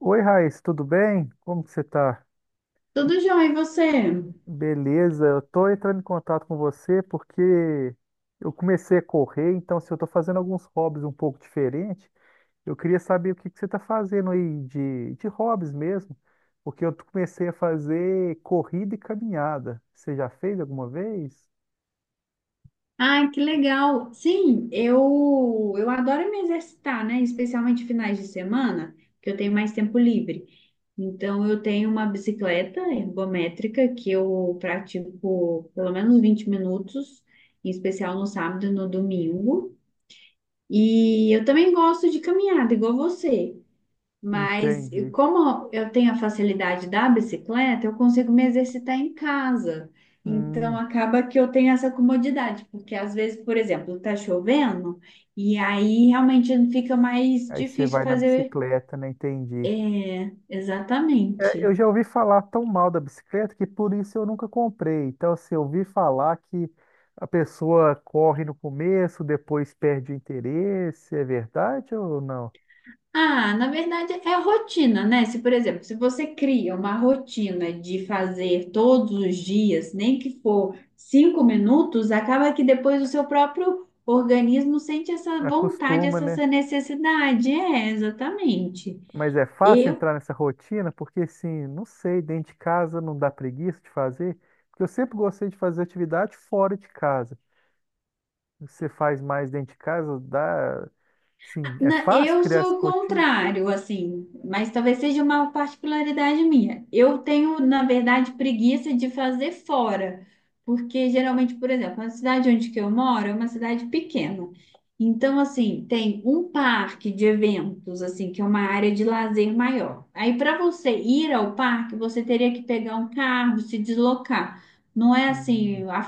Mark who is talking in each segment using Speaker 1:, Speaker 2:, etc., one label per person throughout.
Speaker 1: Oi, Raíssa, tudo bem? Como que você tá?
Speaker 2: Tudo jóia, e você?
Speaker 1: Beleza, eu tô entrando em contato com você porque eu comecei a correr, então se eu tô fazendo alguns hobbies um pouco diferente, eu queria saber o que que você tá fazendo aí de hobbies mesmo, porque eu comecei a fazer corrida e caminhada. Você já fez alguma vez?
Speaker 2: Ai, que legal. Sim, eu adoro me exercitar, né? Especialmente finais de semana, que eu tenho mais tempo livre. Então, eu tenho uma bicicleta ergométrica que eu pratico pelo menos 20 minutos, em especial no sábado e no domingo. E eu também gosto de caminhada, igual você. Mas e
Speaker 1: Entendi.
Speaker 2: como eu tenho a facilidade da bicicleta, eu consigo me exercitar em casa. Então
Speaker 1: Hum,
Speaker 2: acaba que eu tenho essa comodidade, porque às vezes, por exemplo, está chovendo e aí realmente fica mais
Speaker 1: aí você
Speaker 2: difícil
Speaker 1: vai na
Speaker 2: fazer.
Speaker 1: bicicleta, né? Entendi.
Speaker 2: É,
Speaker 1: É,
Speaker 2: exatamente.
Speaker 1: eu já ouvi falar tão mal da bicicleta que por isso eu nunca comprei. Então, assim, eu ouvi falar que a pessoa corre no começo, depois perde o interesse. É verdade ou não?
Speaker 2: Ah, na verdade é a rotina, né? Se, por exemplo, se você cria uma rotina de fazer todos os dias, nem que for 5 minutos, acaba que depois o seu próprio organismo sente essa vontade,
Speaker 1: Acostuma,
Speaker 2: essa
Speaker 1: né?
Speaker 2: essa necessidade. É, exatamente.
Speaker 1: Mas é fácil
Speaker 2: Eu
Speaker 1: entrar nessa rotina porque, assim, não sei, dentro de casa não dá preguiça de fazer. Porque eu sempre gostei de fazer atividade fora de casa. Você faz mais dentro de casa, dá. Assim, é
Speaker 2: Na-
Speaker 1: fácil
Speaker 2: eu
Speaker 1: criar essa
Speaker 2: sou o
Speaker 1: rotina?
Speaker 2: contrário, assim, mas talvez seja uma particularidade minha. Eu tenho, na verdade, preguiça de fazer fora, porque geralmente, por exemplo, na cidade onde que eu moro é uma cidade pequena. Então, assim, tem um parque de eventos, assim, que é uma área de lazer maior. Aí, para você ir ao parque, você teria que pegar um carro, se deslocar. Não é assim,
Speaker 1: Hum,
Speaker 2: a-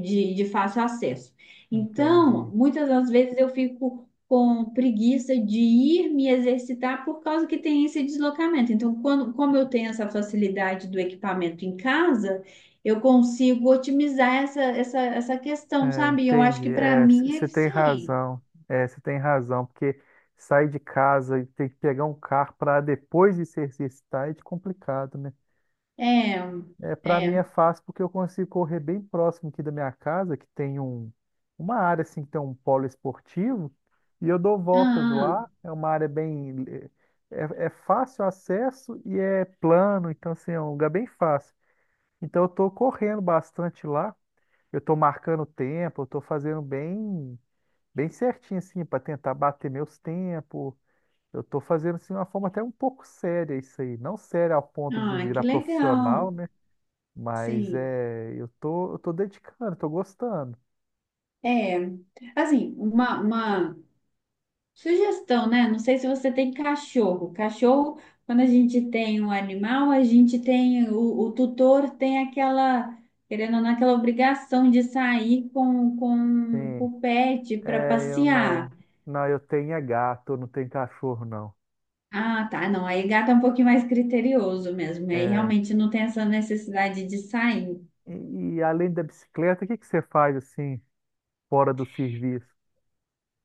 Speaker 2: de de fácil acesso. Então,
Speaker 1: entendi.
Speaker 2: muitas das vezes eu fico com preguiça de ir me exercitar por causa que tem esse deslocamento. Então, quando, como eu tenho essa facilidade do equipamento em casa, eu consigo otimizar essa questão,
Speaker 1: É,
Speaker 2: sabe? Eu acho
Speaker 1: entendi.
Speaker 2: que para
Speaker 1: É,
Speaker 2: mim é
Speaker 1: você tem
Speaker 2: eficiente.
Speaker 1: razão. É, você tem razão, porque sair de casa e ter que pegar um carro para depois de se exercitar é de complicado, né?
Speaker 2: É,
Speaker 1: É, para mim é
Speaker 2: é.
Speaker 1: fácil porque eu consigo correr bem próximo aqui da minha casa, que tem um, uma área assim que tem um polo esportivo, e eu dou voltas
Speaker 2: Ah,
Speaker 1: lá. É uma área bem é fácil acesso e é plano, então assim, é um lugar bem fácil. Então eu estou correndo bastante lá. Eu estou marcando o tempo, eu estou fazendo bem certinho, assim, para tentar bater meus tempos. Eu tô fazendo, assim, de uma forma até um pouco séria isso aí. Não séria ao ponto de
Speaker 2: ah, que
Speaker 1: virar profissional,
Speaker 2: legal.
Speaker 1: né? Mas
Speaker 2: Sim.
Speaker 1: é, eu tô dedicando, tô gostando.
Speaker 2: É, assim, uma sugestão, né? Não sei se você tem cachorro. Cachorro, quando a gente tem um animal, a gente tem o tutor tem aquela, querendo ou não, aquela obrigação de sair com
Speaker 1: Sim,
Speaker 2: o pet para
Speaker 1: é, eu
Speaker 2: passear.
Speaker 1: não. Não, eu tenho é gato, eu não tenho cachorro, não.
Speaker 2: Ah, tá. Não, aí gato é um pouquinho mais criterioso mesmo. Aí
Speaker 1: É,
Speaker 2: realmente não tem essa necessidade de sair.
Speaker 1: e além da bicicleta, o que que você faz, assim, fora do serviço?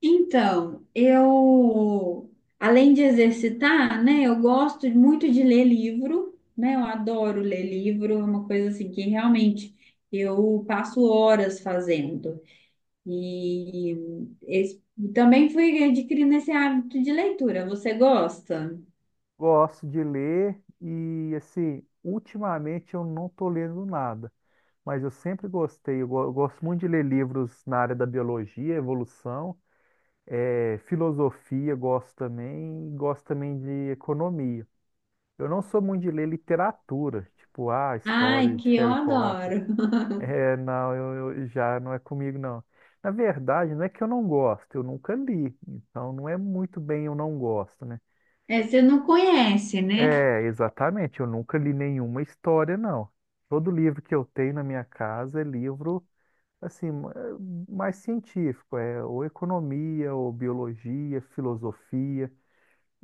Speaker 2: Então, eu, além de exercitar, né, eu gosto muito de ler livro, né, eu adoro ler livro, é uma coisa assim que realmente eu passo horas fazendo. E es- também fui adquirindo esse hábito de leitura. Você gosta?
Speaker 1: Gosto de ler e, assim, ultimamente eu não tô lendo nada. Mas eu sempre gostei, eu gosto muito de ler livros na área da biologia, evolução, filosofia, gosto também, e gosto também de economia. Eu não sou muito de ler literatura, tipo, ah,
Speaker 2: Ai,
Speaker 1: história de
Speaker 2: que eu
Speaker 1: Harry Potter.
Speaker 2: adoro.
Speaker 1: É, não, já não é comigo, não. Na verdade, não é que eu não gosto, eu nunca li, então não é muito bem eu não gosto, né?
Speaker 2: É, você não conhece, né?
Speaker 1: É, exatamente, eu nunca li nenhuma história, não. Todo livro que eu tenho na minha casa é livro assim, mais científico, é ou economia, ou biologia, filosofia.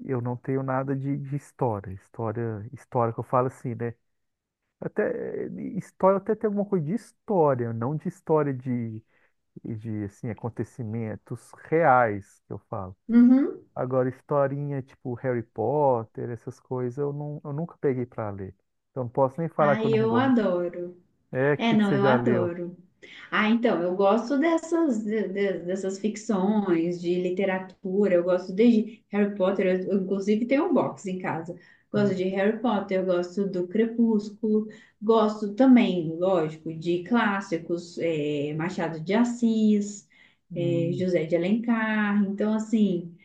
Speaker 1: Eu não tenho nada de história. História, história que eu falo assim, né? Até eh, História até tem alguma coisa de história, não de história de assim, acontecimentos reais que eu falo.
Speaker 2: Uhum.
Speaker 1: Agora, historinha tipo Harry Potter, essas coisas, eu, não, eu nunca peguei para ler. Então, não posso nem falar que eu
Speaker 2: Ai,
Speaker 1: não
Speaker 2: eu
Speaker 1: gosto.
Speaker 2: adoro.
Speaker 1: É, o
Speaker 2: É,
Speaker 1: que, que
Speaker 2: não,
Speaker 1: você
Speaker 2: eu
Speaker 1: já leu?
Speaker 2: adoro. Ah, então, eu gosto dessas ficções, de literatura, eu gosto desde Harry Potter, eu inclusive tenho um box em casa. Gosto
Speaker 1: Hum,
Speaker 2: de Harry Potter, eu gosto do Crepúsculo, gosto também, lógico, de clássicos, Machado de Assis,
Speaker 1: hum,
Speaker 2: José de Alencar. Então, assim,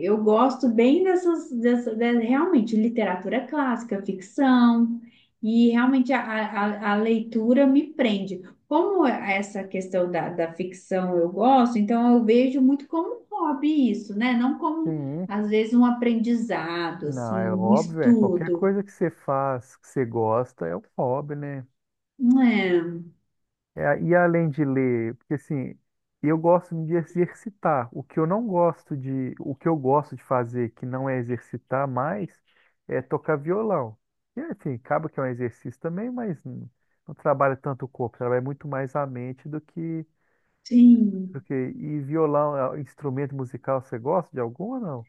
Speaker 2: eu gosto bem dessas, realmente, literatura clássica, ficção, e realmente a leitura me prende. Como é essa questão da ficção eu gosto, então eu vejo muito como um hobby isso, né? Não como,
Speaker 1: sim.
Speaker 2: às vezes, um aprendizado,
Speaker 1: Não,
Speaker 2: assim,
Speaker 1: é
Speaker 2: um
Speaker 1: óbvio, é. Qualquer
Speaker 2: estudo.
Speaker 1: coisa que você faz, que você gosta, é um hobby, né?
Speaker 2: Não é?
Speaker 1: É, e além de ler, porque assim, eu gosto de exercitar. O que eu não gosto de, o que eu gosto de fazer, que não é exercitar mais, é tocar violão. E, enfim, acaba que é um exercício também, mas não, não trabalha tanto o corpo, trabalha muito mais a mente do que, do
Speaker 2: Sim.
Speaker 1: que. E violão, é, um instrumento musical, você gosta de algum ou não?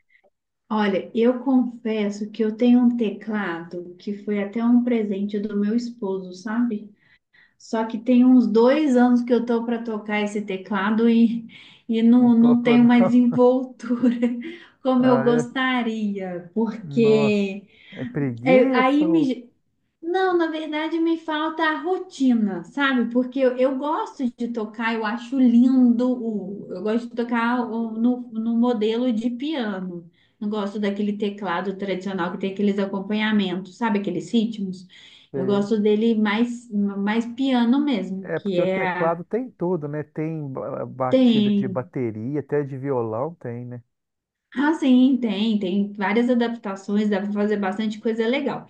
Speaker 2: Olha, eu confesso que eu tenho um teclado que foi até um presente do meu esposo, sabe? Só que tem uns 2 anos que eu tô para tocar esse teclado e
Speaker 1: Não
Speaker 2: não
Speaker 1: toco,
Speaker 2: tenho
Speaker 1: não.
Speaker 2: mais envoltura como eu
Speaker 1: Ah, é?
Speaker 2: gostaria,
Speaker 1: Nossa.
Speaker 2: porque.
Speaker 1: É
Speaker 2: É,
Speaker 1: preguiça?
Speaker 2: Não, na verdade me falta a rotina, sabe? Porque eu gosto de tocar, eu acho lindo, eu gosto de tocar no modelo de piano. Não gosto daquele teclado tradicional que tem aqueles acompanhamentos, sabe? Aqueles ritmos. Eu
Speaker 1: Sei.
Speaker 2: gosto dele mais, mais piano mesmo,
Speaker 1: É
Speaker 2: que
Speaker 1: porque o
Speaker 2: é...
Speaker 1: teclado tem tudo, né? Tem batida de
Speaker 2: Tem,
Speaker 1: bateria, até de violão tem, né?
Speaker 2: ah, sim, tem várias adaptações, dá para fazer bastante coisa legal.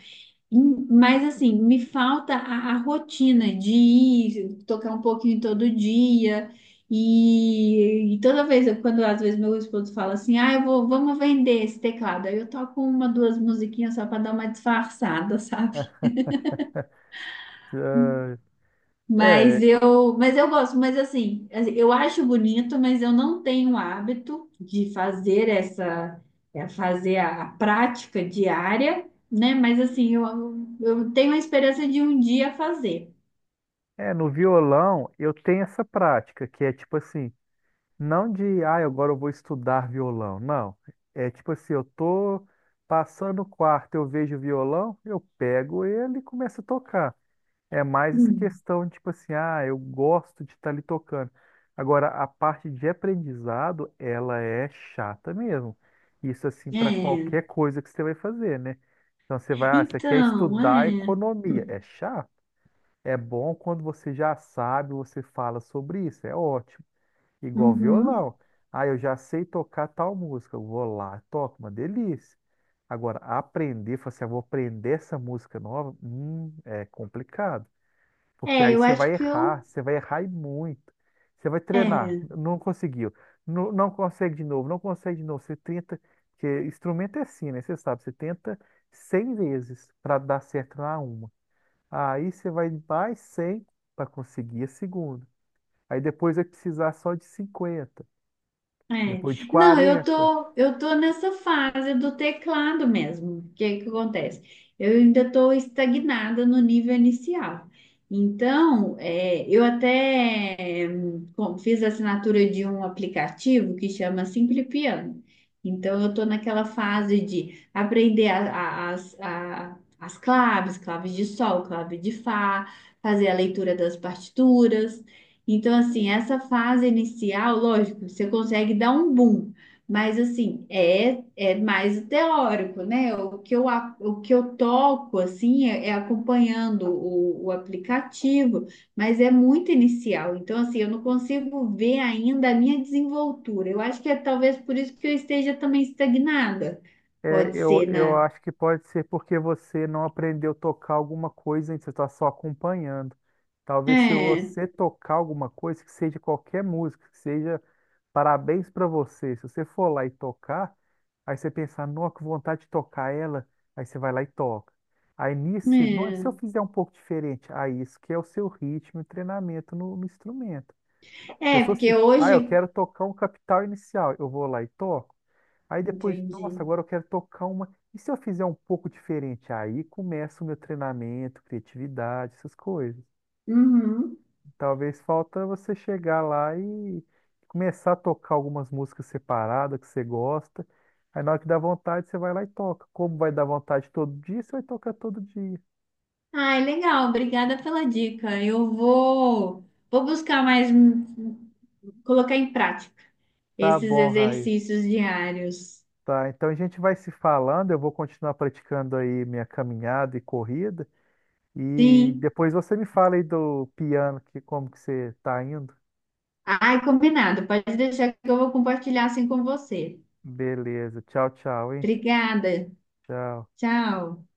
Speaker 2: Mas assim, me falta a rotina de ir tocar um pouquinho todo dia. E toda vez, quando às vezes meu esposo fala assim, ah, vamos vender esse teclado. Aí eu toco uma, duas musiquinhas só para dar uma disfarçada, sabe?
Speaker 1: Ah, é,
Speaker 2: Mas eu gosto, mas assim, eu acho bonito, mas eu não tenho o hábito de fazer essa, fazer a prática diária, né? Mas assim, eu tenho a esperança de um dia fazer.
Speaker 1: no violão eu tenho essa prática, que é tipo assim, não de, ah, agora eu vou estudar violão, não. É tipo assim, eu tô passando o quarto, eu vejo o violão, eu pego ele e começo a tocar. É mais essa
Speaker 2: Hum.
Speaker 1: questão, tipo assim, ah, eu gosto de estar ali tocando. Agora, a parte de aprendizado, ela é chata mesmo. Isso, assim, para
Speaker 2: É,
Speaker 1: qualquer coisa que você vai fazer, né? Então, você vai, ah, você quer
Speaker 2: então,
Speaker 1: estudar
Speaker 2: é.
Speaker 1: economia. É chato. É bom quando você já sabe, você fala sobre isso. É ótimo. Igual
Speaker 2: Uhum.
Speaker 1: violão. Ah, eu já sei tocar tal música. Eu vou lá, toco, uma delícia. Agora, aprender, falar assim, ah, vou aprender essa música nova, é complicado. Porque
Speaker 2: É,
Speaker 1: aí
Speaker 2: eu acho que eu.
Speaker 1: você vai errar e muito. Você vai treinar,
Speaker 2: É.
Speaker 1: não conseguiu, não, não consegue de novo. Você tenta, porque instrumento é assim, né? Você sabe, você tenta 100 vezes para dar certo na uma. Aí você vai mais 100 para conseguir a segunda. Aí depois vai precisar só de 50.
Speaker 2: É.
Speaker 1: Depois de
Speaker 2: Não, eu
Speaker 1: 40.
Speaker 2: tô, eu tô nessa fase do teclado mesmo. O que que acontece? Eu ainda tô estagnada no nível inicial. Então, eu até fiz a assinatura de um aplicativo que chama Simple Piano. Então, eu tô naquela fase de aprender as claves, claves de sol, clave de fá, fazer a leitura das partituras. Então, assim, essa fase inicial, lógico, você consegue dar um boom, mas, assim, é mais o teórico, né? O que eu toco, assim, é acompanhando o aplicativo, mas é muito inicial. Então, assim, eu não consigo ver ainda a minha desenvoltura. Eu acho que é talvez por isso que eu esteja também estagnada.
Speaker 1: É,
Speaker 2: Pode
Speaker 1: eu,
Speaker 2: ser
Speaker 1: eu
Speaker 2: na.
Speaker 1: acho que pode ser porque você não aprendeu a tocar alguma coisa, hein? Você está só acompanhando. Talvez se
Speaker 2: É,
Speaker 1: você tocar alguma coisa, que seja qualquer música, que seja parabéns para você. Se você for lá e tocar, aí você pensar, nossa, que vontade de tocar ela, aí você vai lá e toca. Aí nisso, você, não, e se eu
Speaker 2: é.
Speaker 1: fizer um pouco diferente? Aí isso que é o seu ritmo e treinamento no instrumento. Se eu
Speaker 2: É,
Speaker 1: sou assim,
Speaker 2: porque
Speaker 1: ah, eu
Speaker 2: hoje.
Speaker 1: quero tocar um capital inicial, eu vou lá e toco. Aí depois,
Speaker 2: Entendi.
Speaker 1: nossa, agora eu quero tocar uma. E se eu fizer um pouco diferente? Aí começa o meu treinamento, criatividade, essas coisas.
Speaker 2: Uhum.
Speaker 1: Talvez falta você chegar lá e começar a tocar algumas músicas separadas que você gosta. Aí na hora que dá vontade, você vai lá e toca. Como vai dar vontade todo dia, você vai tocar todo dia.
Speaker 2: Ai, legal, obrigada pela dica. Eu vou buscar mais, colocar em prática
Speaker 1: Tá
Speaker 2: esses
Speaker 1: bom, Raiz.
Speaker 2: exercícios diários.
Speaker 1: Tá, então a gente vai se falando, eu vou continuar praticando aí minha caminhada e corrida. E
Speaker 2: Sim.
Speaker 1: depois você me fala aí do piano, que como que você tá indo.
Speaker 2: Ai, combinado. Pode deixar que eu vou compartilhar assim com você.
Speaker 1: Beleza. Tchau, tchau, hein?
Speaker 2: Obrigada.
Speaker 1: Tchau.
Speaker 2: Tchau.